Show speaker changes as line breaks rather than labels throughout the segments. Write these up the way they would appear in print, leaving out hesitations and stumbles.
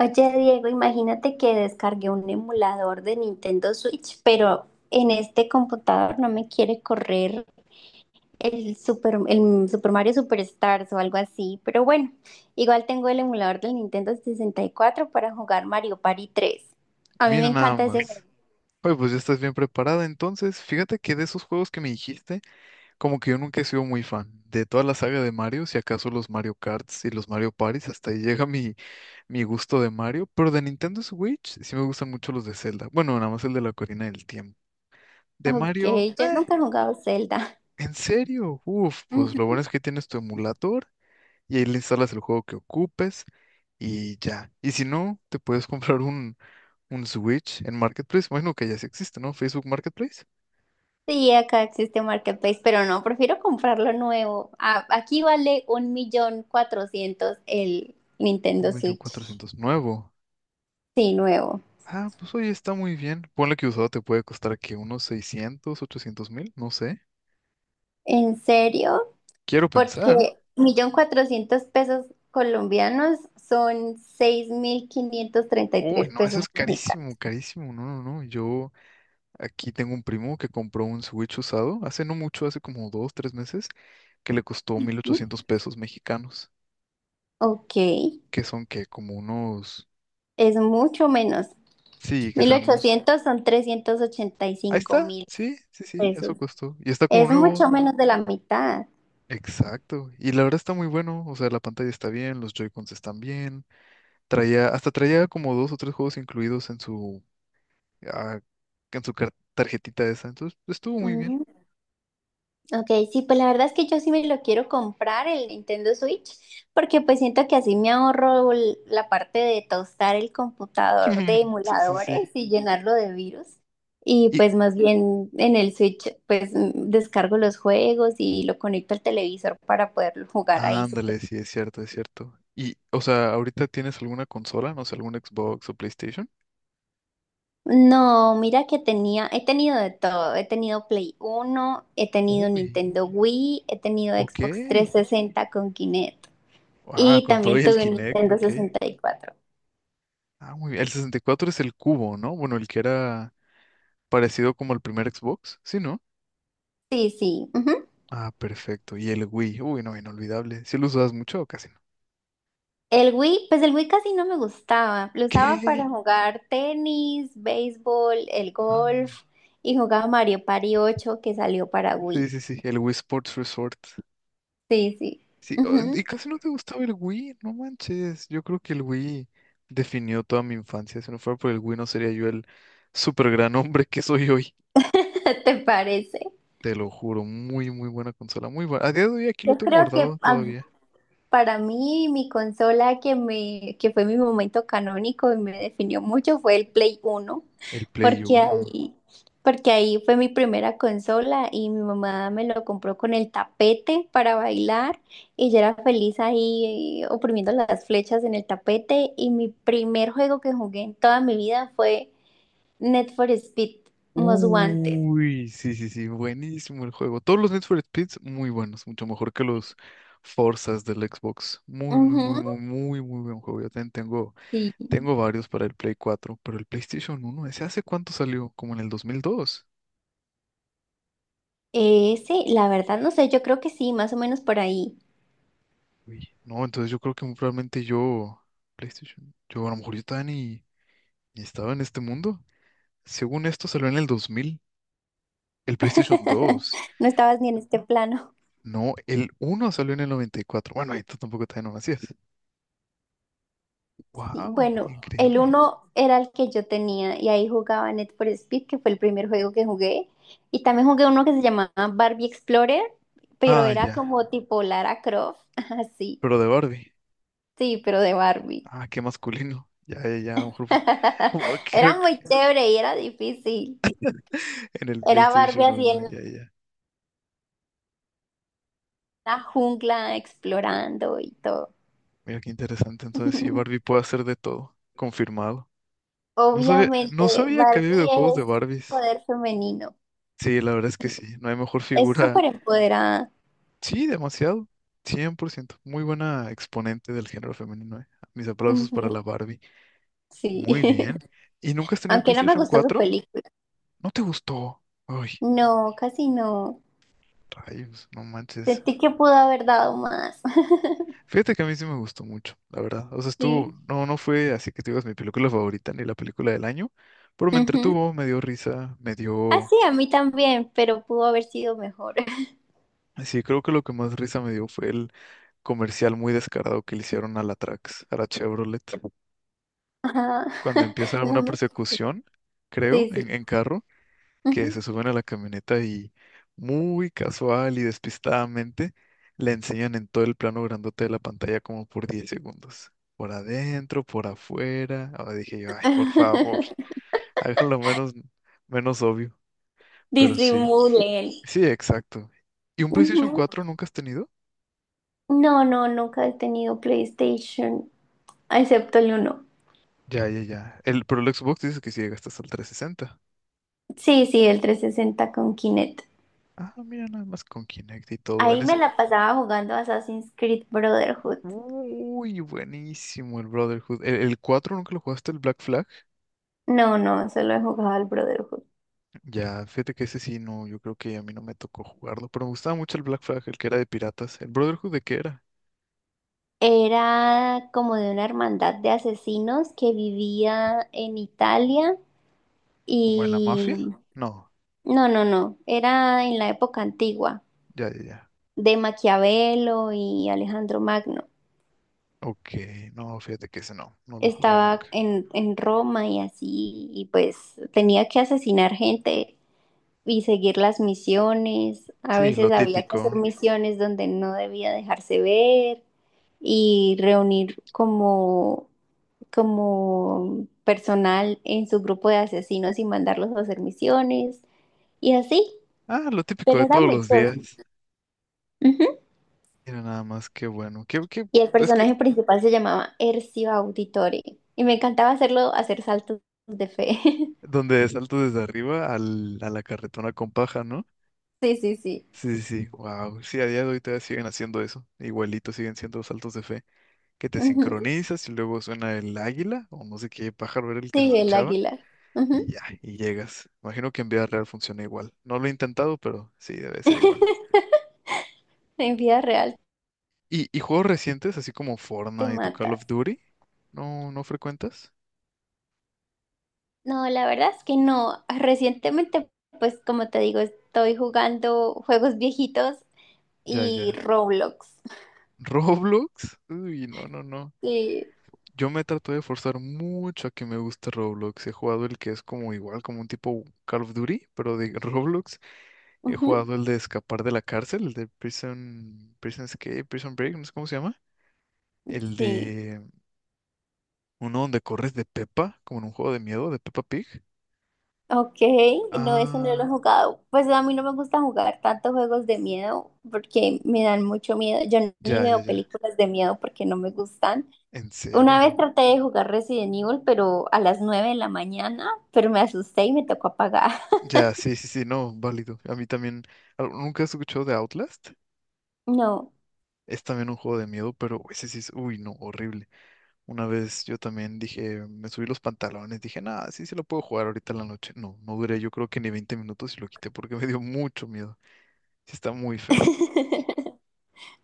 Oye, Diego, imagínate que descargué un emulador de Nintendo Switch, pero en este computador no me quiere correr el Super Mario Superstars o algo así. Pero bueno, igual tengo el emulador del Nintendo 64 para jugar Mario Party 3. A mí me
Mira nada
encanta ese juego.
más. Oye, pues ya estás bien preparada. Entonces, fíjate que de esos juegos que me dijiste, como que yo nunca he sido muy fan. De toda la saga de Mario, si acaso los Mario Karts y los Mario Parties, hasta ahí llega mi gusto de Mario. Pero de Nintendo Switch, sí me gustan mucho los de Zelda. Bueno, nada más el de la Corina del Tiempo. De
Ok,
Mario,
yo nunca he jugado Zelda.
¿en serio? Uf, pues lo
Ujú.
bueno es que tienes tu emulador y ahí le instalas el juego que ocupes y ya. Y si no, te puedes comprar un Switch en Marketplace, bueno que ya sí existe, ¿no? Facebook Marketplace.
Sí, acá existe Marketplace, pero no, prefiero comprarlo nuevo. Aquí vale 1.400.000 el
Un
Nintendo
millón
Switch.
cuatrocientos nuevo.
Sí, nuevo.
Ah, pues oye, está muy bien. Ponle que usado te puede costar que unos 600.000 800.000, no sé.
¿En serio?
Quiero pensar.
Porque 1.400.000 pesos colombianos son seis mil quinientos treinta y
Uy,
tres
no, eso
pesos
es
mexicanos.
carísimo, carísimo. No, no, no. Yo aquí tengo un primo que compró un Switch usado hace no mucho, hace como dos, tres meses, que le costó
¿Eh?
1.800 pesos mexicanos,
Ok,
que son que como unos,
es mucho menos.
sí, que
Mil
serán unos,
ochocientos son trescientos ochenta y
ahí
cinco
está,
mil
sí, sí, sí, eso
pesos.
costó. Y está como
Es
nuevo.
mucho menos de la mitad.
Exacto. Y la verdad está muy bueno. O sea, la pantalla está bien, los Joy-Cons están bien. Traía, hasta traía como dos o tres juegos incluidos en su, ah, en su tarjetita esa. Entonces, pues, estuvo muy bien.
Mm. Ok, sí, pues la verdad es que yo sí me lo quiero comprar el Nintendo Switch, porque pues siento que así me ahorro la parte de tostar el computador de
Sí, sí, sí.
emuladores y llenarlo de virus. Y
Y
pues más bien en el Switch pues descargo los juegos y lo conecto al televisor para poderlo jugar ahí súper.
ándale, sí, es cierto, es cierto. Y, o sea, ¿ahorita tienes alguna consola? No sé, algún Xbox o PlayStation.
No, mira que tenía, he tenido de todo, he tenido Play Uno, he tenido
Uy,
Nintendo Wii, he tenido
ok.
Xbox 360 con Kinect.
Ah,
Y
con todo y
también
el
tuve un
Kinect,
Nintendo
ok.
64.
Ah, muy bien. El 64 es el cubo, ¿no? Bueno, el que era parecido como el primer Xbox, ¿sí, no?
Sí, sí. Ujú.
Ah, perfecto. Y el Wii. Uy, no, inolvidable. ¿Sí lo usabas mucho o casi no?
El Wii, pues el Wii casi no me gustaba. Lo usaba
¿Qué?
para jugar tenis, béisbol, el
Ah,
golf y jugaba Mario Party 8 que salió para
sí,
Wii.
sí, sí. El Wii Sports Resort.
Sí, sí.
Sí, oh,
Ujú.
y casi no te gustaba el Wii. No manches. Yo creo que el Wii definió toda mi infancia. Si no fuera por el Wii, no sería yo el super gran hombre que soy hoy.
¿Te parece?
Te lo juro. Muy, muy buena consola. Muy buena. A día de hoy aquí lo
Yo
tengo
creo que
guardado
a-
todavía.
Para mí, mi consola que me, que fue mi momento canónico y me definió mucho fue el Play Uno,
El Play
porque
Uno.
ahí, porque ahí fue mi primera consola y mi mamá me lo compró con el tapete para bailar y yo era feliz ahí oprimiendo las flechas en el tapete y mi primer juego que jugué en toda mi vida fue Need for Speed Most Wanted.
Uy, sí, sí, sí, buenísimo el juego. Todos los Need for Speeds muy buenos, mucho mejor que los Forzas del Xbox. Muy, muy, muy,
Ujú,
muy, muy, muy buen juego. Yo también tengo,
sí.
tengo varios para el Play 4, pero el PlayStation uno, ¿ese hace cuánto salió? Como en el 2002.
Ese, la verdad, no sé, yo creo que sí, más o menos por ahí.
Uy, no, entonces yo creo que muy probablemente yo, PlayStation, yo a lo mejor yo todavía ni estaba en este mundo. Según esto salió en el 2000, el PlayStation 2.
No estabas ni en este plano.
No, el uno salió en el 94. Bueno, ahí tú tampoco todavía no nacías.
Y
Wow,
bueno, el
increíble.
uno era el que yo tenía y ahí jugaba Net for Speed, que fue el primer juego que jugué. Y también jugué uno que se llamaba Barbie Explorer, pero
Ah,
era
ya.
como tipo Lara Croft. Así,
Pero de Barbie.
sí, pero de Barbie.
Ah, qué masculino. Ya, ya, ya, a lo mejor como creo
Era
que
muy chévere y era difícil.
en el
Era Barbie
PlayStation
así
uno,
en
ya, ya.
la jungla explorando y todo.
Mira qué interesante. Entonces, sí, Barbie puede hacer de todo. Confirmado. No sabía, no
Obviamente,
sabía que
Barbie
había videojuegos de
es
Barbies.
poder femenino.
Sí, la verdad es que sí. No hay mejor
Es
figura.
súper empoderada.
Sí, demasiado. 100%. Muy buena exponente del género femenino. Mis aplausos para
Ujú,
la Barbie.
sí,
Muy bien. ¿Y nunca has tenido el
aunque no me
PlayStation
gustó su
4?
película.
¿No te gustó? Ay.
No, casi no.
Rayos, no manches.
Sentí que pudo haber dado más.
Fíjate que a mí sí me gustó mucho, la verdad. O sea, estuvo,
Sí.
no, no fue así que te digas mi película favorita ni la película del año, pero me
Ujú.
entretuvo, me dio risa, me
Ah,
dio...
sí, a mí también, pero pudo haber sido mejor.
Sí, creo que lo que más risa me dio fue el comercial muy descarado que le hicieron a la Trax, a la Chevrolet,
Ajá.
cuando empieza
No
una
me...
persecución, creo,
Sí,
en,
sí.
en carro. Que
Ujú.
se suben a la camioneta y muy casual y despistadamente le enseñan en todo el plano grandote de la pantalla como por 10 segundos. Por adentro, por afuera. Ahora dije yo, ay, por favor, háganlo menos, menos obvio. Pero sí,
Disimulen.
sí, exacto. ¿Y un PlayStation
Ujú.
4 nunca has tenido?
No, no, nunca he tenido PlayStation, excepto el uno.
Ya, ya, ya. El, pero el Xbox dice que si llegaste hasta el 360.
Sí, sí, el 360 con Kinect.
Ah, mira, nada más con Kinect y todo. En
Ahí me
ese...
la pasaba jugando Assassin's Creed Brotherhood.
Uy, buenísimo el Brotherhood. ¿El 4 nunca lo jugaste, el Black Flag?
No, no, solo he jugado al Brotherhood.
Ya, fíjate que ese sí, no, yo creo que a mí no me tocó jugarlo, pero me gustaba mucho el Black Flag, el que era de piratas. ¿El Brotherhood de qué era?
Era como de una hermandad de asesinos que vivía en Italia
¿Como de la
y...
mafia? No,
No, no, no, era en la época antigua,
ya, ya, ya.
de Maquiavelo y Alejandro Magno.
Ok, no, fíjate que ese no, no lo jugué
Estaba
nunca.
en Roma y así, y pues tenía que asesinar gente y seguir las misiones. A
Sí,
veces
lo
había que hacer
típico.
misiones donde no debía dejarse ver y reunir como personal en su grupo de asesinos y mandarlos a hacer misiones y así,
Ah, lo típico
pero
de
era
todos
muy
los
chévere.
días.
Ujú.
Mira nada más, qué bueno. Qué, qué,
Y el
es que
personaje principal se llamaba Ercio Auditore y me encantaba hacerlo hacer saltos de fe.
donde salto desde arriba al, a la carretona con paja, ¿no?
Sí, sí, sí.
Sí, sí, sí, wow. Sí, a día de hoy todavía siguen haciendo eso. Igualito siguen siendo saltos de fe. Que te
Ujú.
sincronizas y luego suena el águila o no sé qué pájaro era el que se
Sí, el
escuchaba
águila.
y
Ujú.
ya, y llegas. Imagino que en vida real funciona igual. No lo he intentado, pero sí, debe ser igual.
En vida real
Y juegos recientes, así como
te
Fortnite o Call
matas.
of Duty? ¿No, no frecuentas?
No, la verdad es que no. Recientemente, pues como te digo, estoy jugando juegos viejitos
Ya,
y
ya.
Roblox.
¿Roblox? Uy, no, no, no.
Sí.
Yo me trato de forzar mucho a que me guste Roblox. He jugado el que es como igual, como un tipo Call of Duty, pero de Roblox. He jugado el de escapar de la cárcel, el de Prison, Prison Escape, Prison Break, no sé cómo se llama. El
Sí,
de uno donde corres de Peppa, como en un juego de miedo de Peppa Pig.
ok, no, ese no lo
Ah,
jugado. Pues a mí no me gusta jugar tantos juegos de miedo porque me dan mucho miedo. Yo ni
ya, ya,
veo
ya.
películas de miedo porque no me gustan.
¿En
Una
serio?
vez traté de jugar Resident Evil, pero a las 9 de la mañana, pero me asusté y me tocó apagar.
Ya, sí, sí, sí, no, válido. A mí también. ¿Nunca has escuchado de Outlast?
No.
Es también un juego de miedo, pero ese sí es, uy, no, horrible. Una vez yo también dije, me subí los pantalones, dije, nada, sí, sí lo puedo jugar ahorita en la noche. No, no duré, yo creo que ni 20 minutos y lo quité porque me dio mucho miedo. Sí, está muy feo.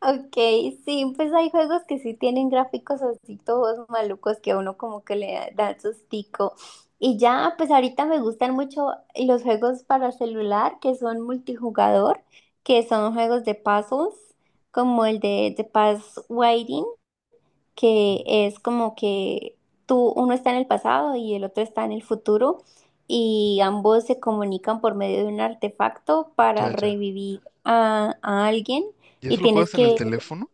Ok, sí, pues hay juegos que sí tienen gráficos así todos malucos que a uno como que le dan sustico. Y ya, pues ahorita me gustan mucho los juegos para celular que son multijugador, que son juegos de puzzles, como el de The Past Waiting, que es como que tú, uno está en el pasado y el otro está en el futuro y ambos se comunican por medio de un artefacto para
Ya, ya.
revivir a alguien
¿Y
y
eso lo
tienes
juegas en el
que...
teléfono?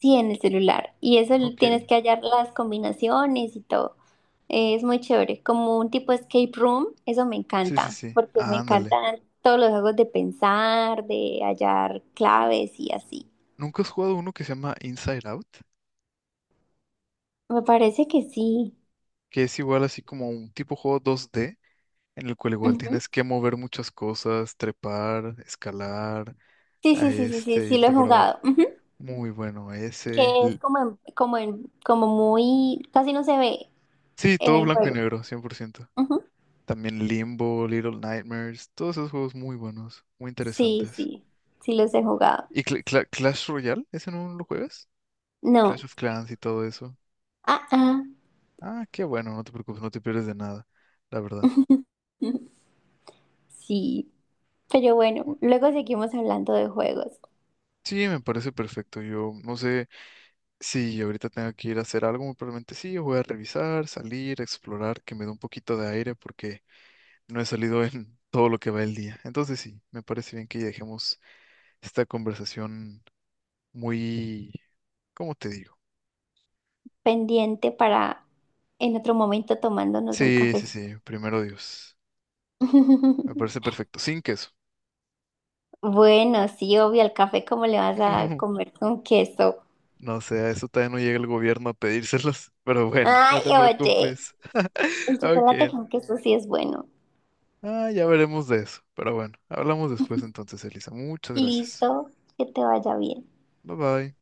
Sí, en el celular. Y eso
Ok.
tienes que hallar las combinaciones y todo. Es muy chévere. Como un tipo escape room, eso me
Sí, sí,
encanta,
sí.
porque me
Ah, ándale.
encantan todos los juegos de pensar, de hallar claves y así.
¿Nunca has jugado uno que se llama Inside Out?
Me parece que sí.
Que es igual así como un tipo juego 2D en el cual igual
Ujú.
tienes que mover muchas cosas, trepar, escalar,
Sí,
a
sí, sí, sí, sí,
este,
sí lo
irte
he
por abajo.
jugado. Ujú.
Muy bueno, ese.
Que es como muy, casi no se ve
Sí,
en
todo
el
blanco y
juego.
negro, 100%.
Ujú.
También Limbo, Little Nightmares, todos esos juegos muy buenos, muy
Sí,
interesantes.
sí, sí los he jugado.
¿Y Clash Royale? ¿Ese no lo juegas? Clash
No.
of Clans y todo eso.
Ah, ah.
Ah, qué bueno, no te preocupes, no te pierdes de nada, la verdad.
Sí. Pero bueno,
Bu-
luego seguimos hablando de juegos.
Sí, me parece perfecto. Yo no sé si ahorita tengo que ir a hacer algo, muy probablemente sí, voy a revisar, salir, explorar, que me dé un poquito de aire porque no he salido en todo lo que va el día. Entonces sí, me parece bien que dejemos esta conversación muy... ¿Cómo te digo?
Pendiente para en otro momento tomándonos un
Sí, sí,
café.
sí, primero Dios. Me parece perfecto, sin queso.
Bueno, sí, obvio, el café, ¿cómo le vas a comer con queso?
No sé, a eso todavía no llega el gobierno a pedírselos, pero bueno, no
Ay,
te
oye,
preocupes.
el chocolate
Ok,
con queso sí es bueno.
ah, ya veremos de eso. Pero bueno, hablamos después entonces, Elisa. Muchas gracias.
Listo, que te vaya bien.
Bye bye.